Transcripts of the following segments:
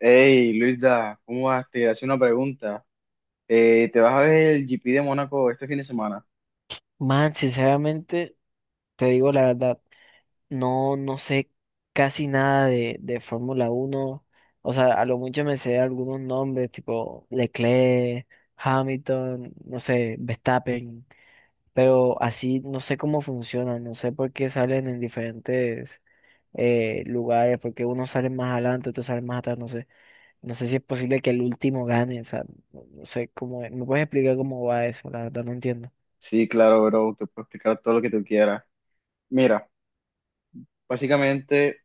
Hey, Luisa, ¿cómo vas? Te hace una pregunta. ¿Te vas a ver el GP de Mónaco este fin de semana? Man, sinceramente, te digo la verdad, no, no sé casi nada de Fórmula uno. O sea, a lo mucho me sé algunos nombres, tipo Leclerc, Hamilton, no sé, Verstappen, pero así no sé cómo funcionan, no sé por qué salen en diferentes lugares, porque unos salen más adelante, otros salen más atrás, no sé. No sé si es posible que el último gane, o sea, no sé cómo es. ¿Me puedes explicar cómo va eso? La verdad no entiendo. Sí, claro, bro, te puedo explicar todo lo que tú quieras. Mira, básicamente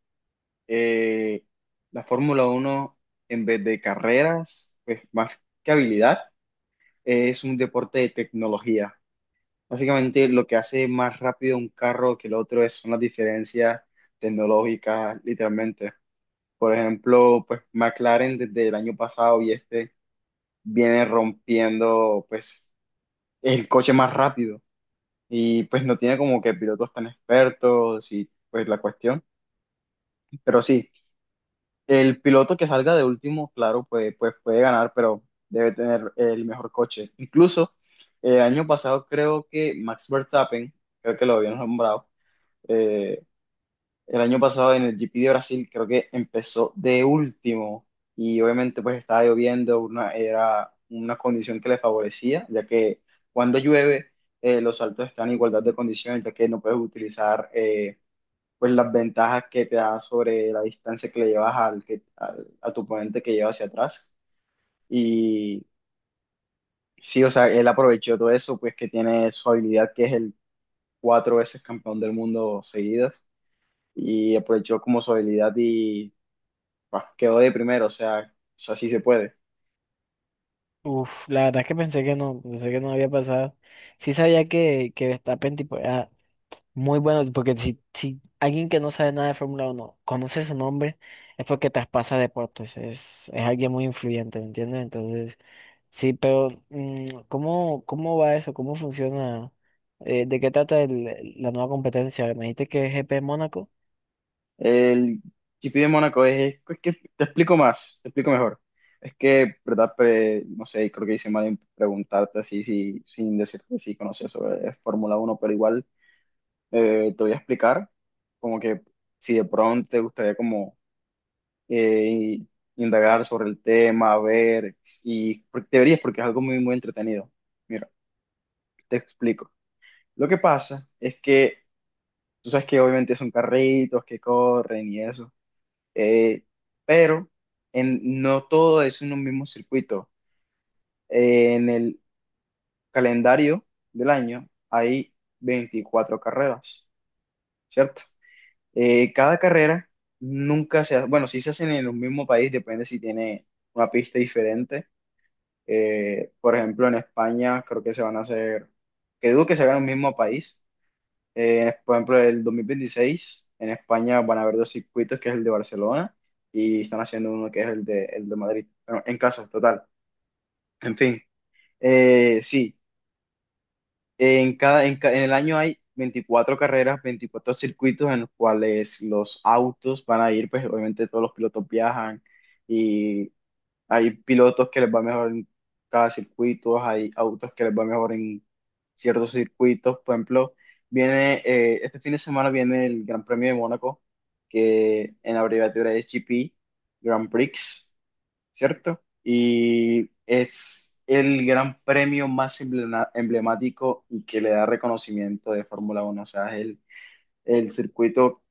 eh, la Fórmula Uno, en vez de carreras, pues más que habilidad, es un deporte de tecnología. Básicamente lo que hace más rápido un carro que el otro es, son las diferencias tecnológicas, literalmente. Por ejemplo, pues McLaren desde el año pasado y este viene rompiendo pues el coche más rápido, y pues no tiene como que pilotos tan expertos y pues la cuestión, pero sí, el piloto que salga de último, claro, pues, pues puede ganar, pero debe tener el mejor coche. Incluso el año pasado creo que Max Verstappen, creo que lo habían nombrado, eh, El año pasado en el GP de Brasil creo que empezó de último y obviamente pues estaba lloviendo, una, era una condición que le favorecía, ya que cuando llueve los saltos están en igualdad de condiciones, ya que no puedes utilizar pues las ventajas que te da sobre la distancia que le llevas al, que, a tu oponente que lleva hacia atrás. Y sí, o sea, él aprovechó todo eso, pues que tiene su habilidad, que es el 4 veces campeón del mundo seguidas, y aprovechó como su habilidad y bah, quedó de primero, o sea, sí se puede. Uf, la verdad es que pensé que no había pasado. Sí sabía que Verstappen tipo era muy bueno, porque si alguien que no sabe nada de Fórmula uno conoce su nombre, es porque traspasa deportes, es alguien muy influyente, ¿me entiendes? Entonces, sí, pero mm, ¿cómo va eso? ¿Cómo funciona? ¿De qué trata la nueva competencia? Me dijiste que es GP Mónaco. El GP de Mónaco es que te explico más, te explico mejor. Es que, ¿verdad? No sé, creo que hice mal en preguntarte así, si, sin decirte si conoces sobre Fórmula uno, pero igual te voy a explicar, como que si de pronto te gustaría como eh, indagar sobre el tema, ver, y deberías, porque es algo muy, muy entretenido. Mira, te explico. Lo que pasa es que tú sabes que obviamente son carritos que corren y eso, eh, pero en, no todo es en un mismo circuito. En el calendario del año hay 24 carreras, ¿cierto? Cada carrera nunca se hace, bueno, sí se hacen en un mismo país, depende si tiene una pista diferente. Por ejemplo, en España creo que se van a hacer, que dudo que se hagan en un mismo país. Por ejemplo, el 2026 en España van a haber dos circuitos, que es el de Barcelona, y están haciendo uno que es el de Madrid. Bueno, en caso, total. En fin, sí, en cada, en, en el año hay 24 carreras, 24 circuitos en los cuales los autos van a ir, pues obviamente todos los pilotos viajan. Hay pilotos que les va mejor en cada circuito, hay autos que les va mejor en ciertos circuitos. Por ejemplo, viene este fin de semana viene el Gran Premio de Mónaco, que en abreviatura es GP, Grand Prix, ¿cierto? Y es el gran premio más emblemático y que le da reconocimiento de Fórmula Uno, o sea, es el circuito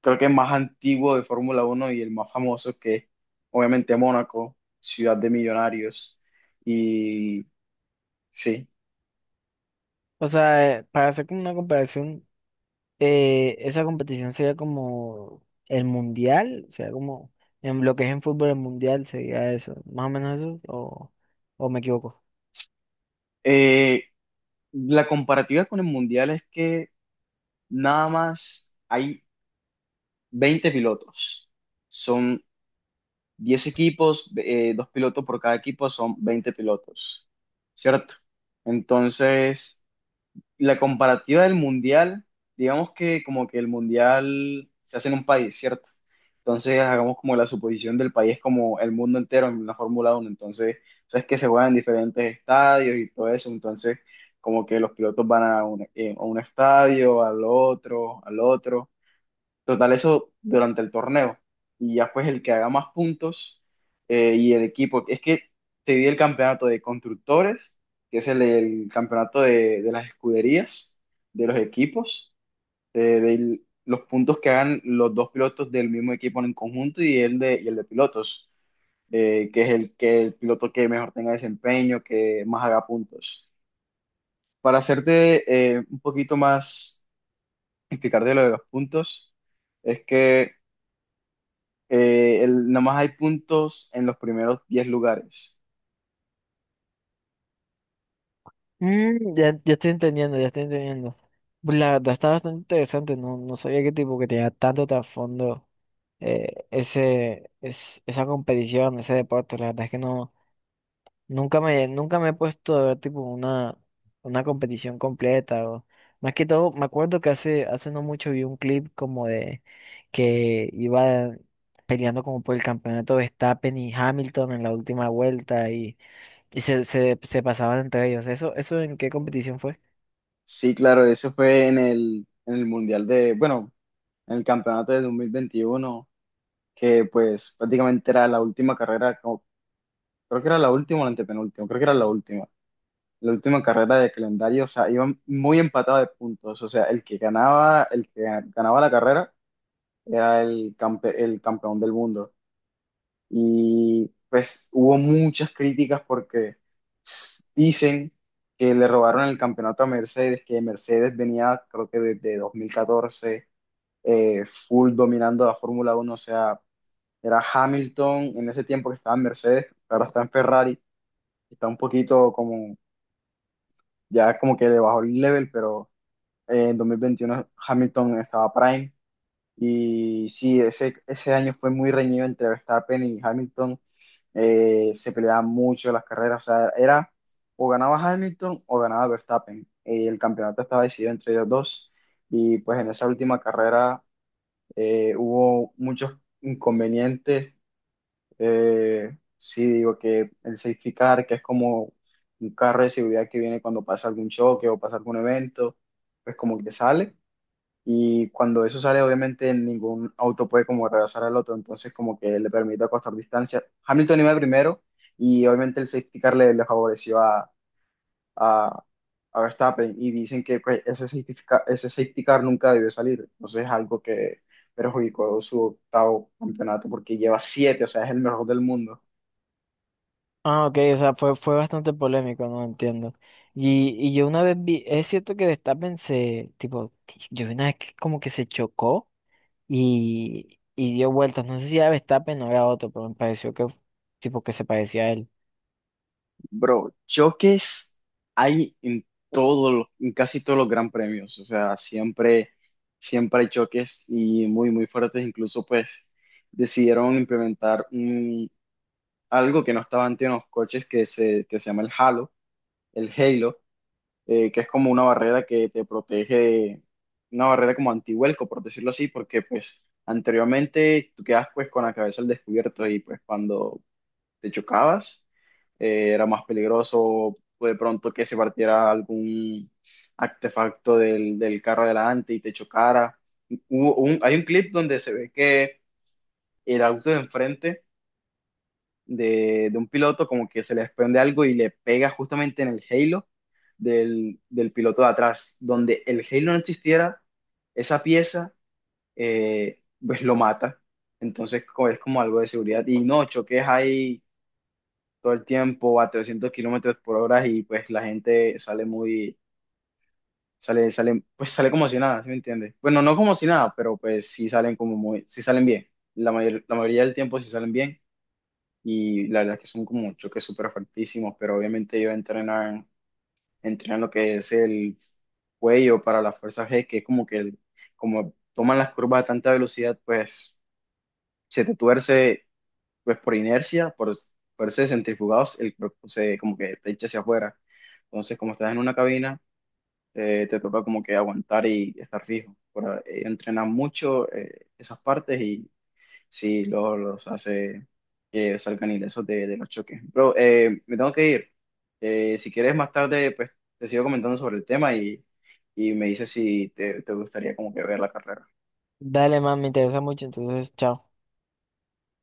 creo que más antiguo de Fórmula uno y el más famoso, que es obviamente Mónaco, ciudad de millonarios. Y sí, O sea, para hacer como una comparación, esa competición sería como el mundial, sería como en lo que es en fútbol el mundial, sería eso, más o menos eso, o me equivoco. Eh, la comparativa con el Mundial es que nada más hay 20 pilotos. Son 10 equipos, 2 pilotos por cada equipo, son 20 pilotos, ¿cierto? Entonces, la comparativa del mundial, digamos que como que el mundial se hace en un país, ¿cierto? Entonces hagamos como la suposición del país como el mundo entero en la Fórmula uno. Entonces, sabes que se juegan en diferentes estadios y todo eso, entonces como que los pilotos van a un estadio, al otro, al otro. Total, eso durante el torneo. Y ya pues el que haga más puntos y el equipo. Es que se divide el campeonato de constructores, que es el campeonato de las escuderías, de los equipos, de los puntos que hagan los 2 pilotos del mismo equipo en conjunto, y el de pilotos, que es el, que el piloto que mejor tenga desempeño, que más haga puntos. Para hacerte un poquito más, explicarte lo de los puntos, es que nomás hay puntos en los primeros 10 lugares. Mm, ya estoy entendiendo, ya estoy entendiendo. Pues la verdad está bastante interesante, no, no sabía qué tipo que tenía tanto trasfondo, esa competición, ese deporte, la verdad es que no. Nunca me he puesto a ver tipo una competición completa o más que todo, me acuerdo que hace no mucho vi un clip como de que iba peleando como por el campeonato Verstappen y Hamilton en la última vuelta y, se pasaban entre ellos. Eso en qué competición fue? Sí, claro, eso fue en el Mundial de, bueno, en el campeonato de 2021, que pues prácticamente era la última carrera, creo que era la última o la antepenúltima, creo que era la última carrera de calendario, o sea, iban muy empatados de puntos, o sea, el que ganaba la carrera era el, el campeón del mundo. Y pues hubo muchas críticas porque dicen que le robaron el campeonato a Mercedes, que Mercedes venía creo que desde 2014, full dominando la Fórmula uno, o sea, era Hamilton en ese tiempo que estaba en Mercedes, ahora está en Ferrari, está un poquito como, ya como que le bajó el level, pero en 2021 Hamilton estaba Prime, y sí, ese año fue muy reñido entre Verstappen y Hamilton. Se peleaban mucho las carreras. O sea, era o ganaba Hamilton o ganaba Verstappen. El campeonato estaba decidido entre ellos dos. Y pues en esa última carrera hubo muchos inconvenientes. Sí, digo que el safety car, que es como un carro de seguridad que viene cuando pasa algún choque o pasa algún evento, pues como que sale. Y cuando eso sale, obviamente ningún auto puede como rebasar al otro, entonces como que le permite acostar distancia. Hamilton iba primero y obviamente el safety car le, le favoreció a, a Verstappen, y dicen que pues, ese ese safety car nunca debió salir, entonces es algo que perjudicó su octavo campeonato porque lleva siete, o sea, es el mejor del mundo. Ah, ok, o sea, fue bastante polémico, no entiendo. Y yo una vez vi, es cierto que Verstappen se, tipo, yo vi una vez que como que se chocó. Y, y dio vueltas. No sé si era Verstappen o era otro, pero me pareció que tipo que se parecía a él. Bro, choques hay en en casi todos los gran premios, o sea, siempre, siempre hay choques y muy, muy fuertes, incluso pues decidieron implementar algo que no estaba antes en los coches que se llama el halo, que es como una barrera que te protege, una barrera como antihuelco, por decirlo así, porque pues anteriormente tú quedas pues con la cabeza al descubierto y pues cuando te chocabas, era más peligroso de pronto que se partiera algún artefacto del, del carro adelante y te chocara. Hay un clip donde se ve que el auto de enfrente de un piloto como que se le desprende algo y le pega justamente en el halo del, del piloto de atrás. Donde el halo no existiera, esa pieza pues lo mata. Entonces es como algo de seguridad. Y no, choques hay todo el tiempo a 300 km/h y pues la gente sale muy, sale, sale, pues sale como si nada, ¿sí me entiendes? Bueno, no como si nada, pero pues sí salen como muy, sí salen bien. La mayoría del tiempo sí salen bien, y la verdad es que son como choques súper fuertísimos, pero obviamente ellos entrenan, entrenan lo que es el cuello para la fuerza G, que es como que como toman las curvas a tanta velocidad, pues se te tuerce pues por inercia, por ser centrifugados, el cuerpo se, como que te echa hacia afuera. Entonces, como estás en una cabina, te toca como que aguantar y estar fijo. Por, entrenan mucho esas partes y sí, luego los hace que salgan ilesos de los choques. Bro, me tengo que ir. Si quieres más tarde, pues te sigo comentando sobre el tema y me dices si te, te gustaría como que ver la carrera. Dale, man, me interesa mucho, entonces, chao.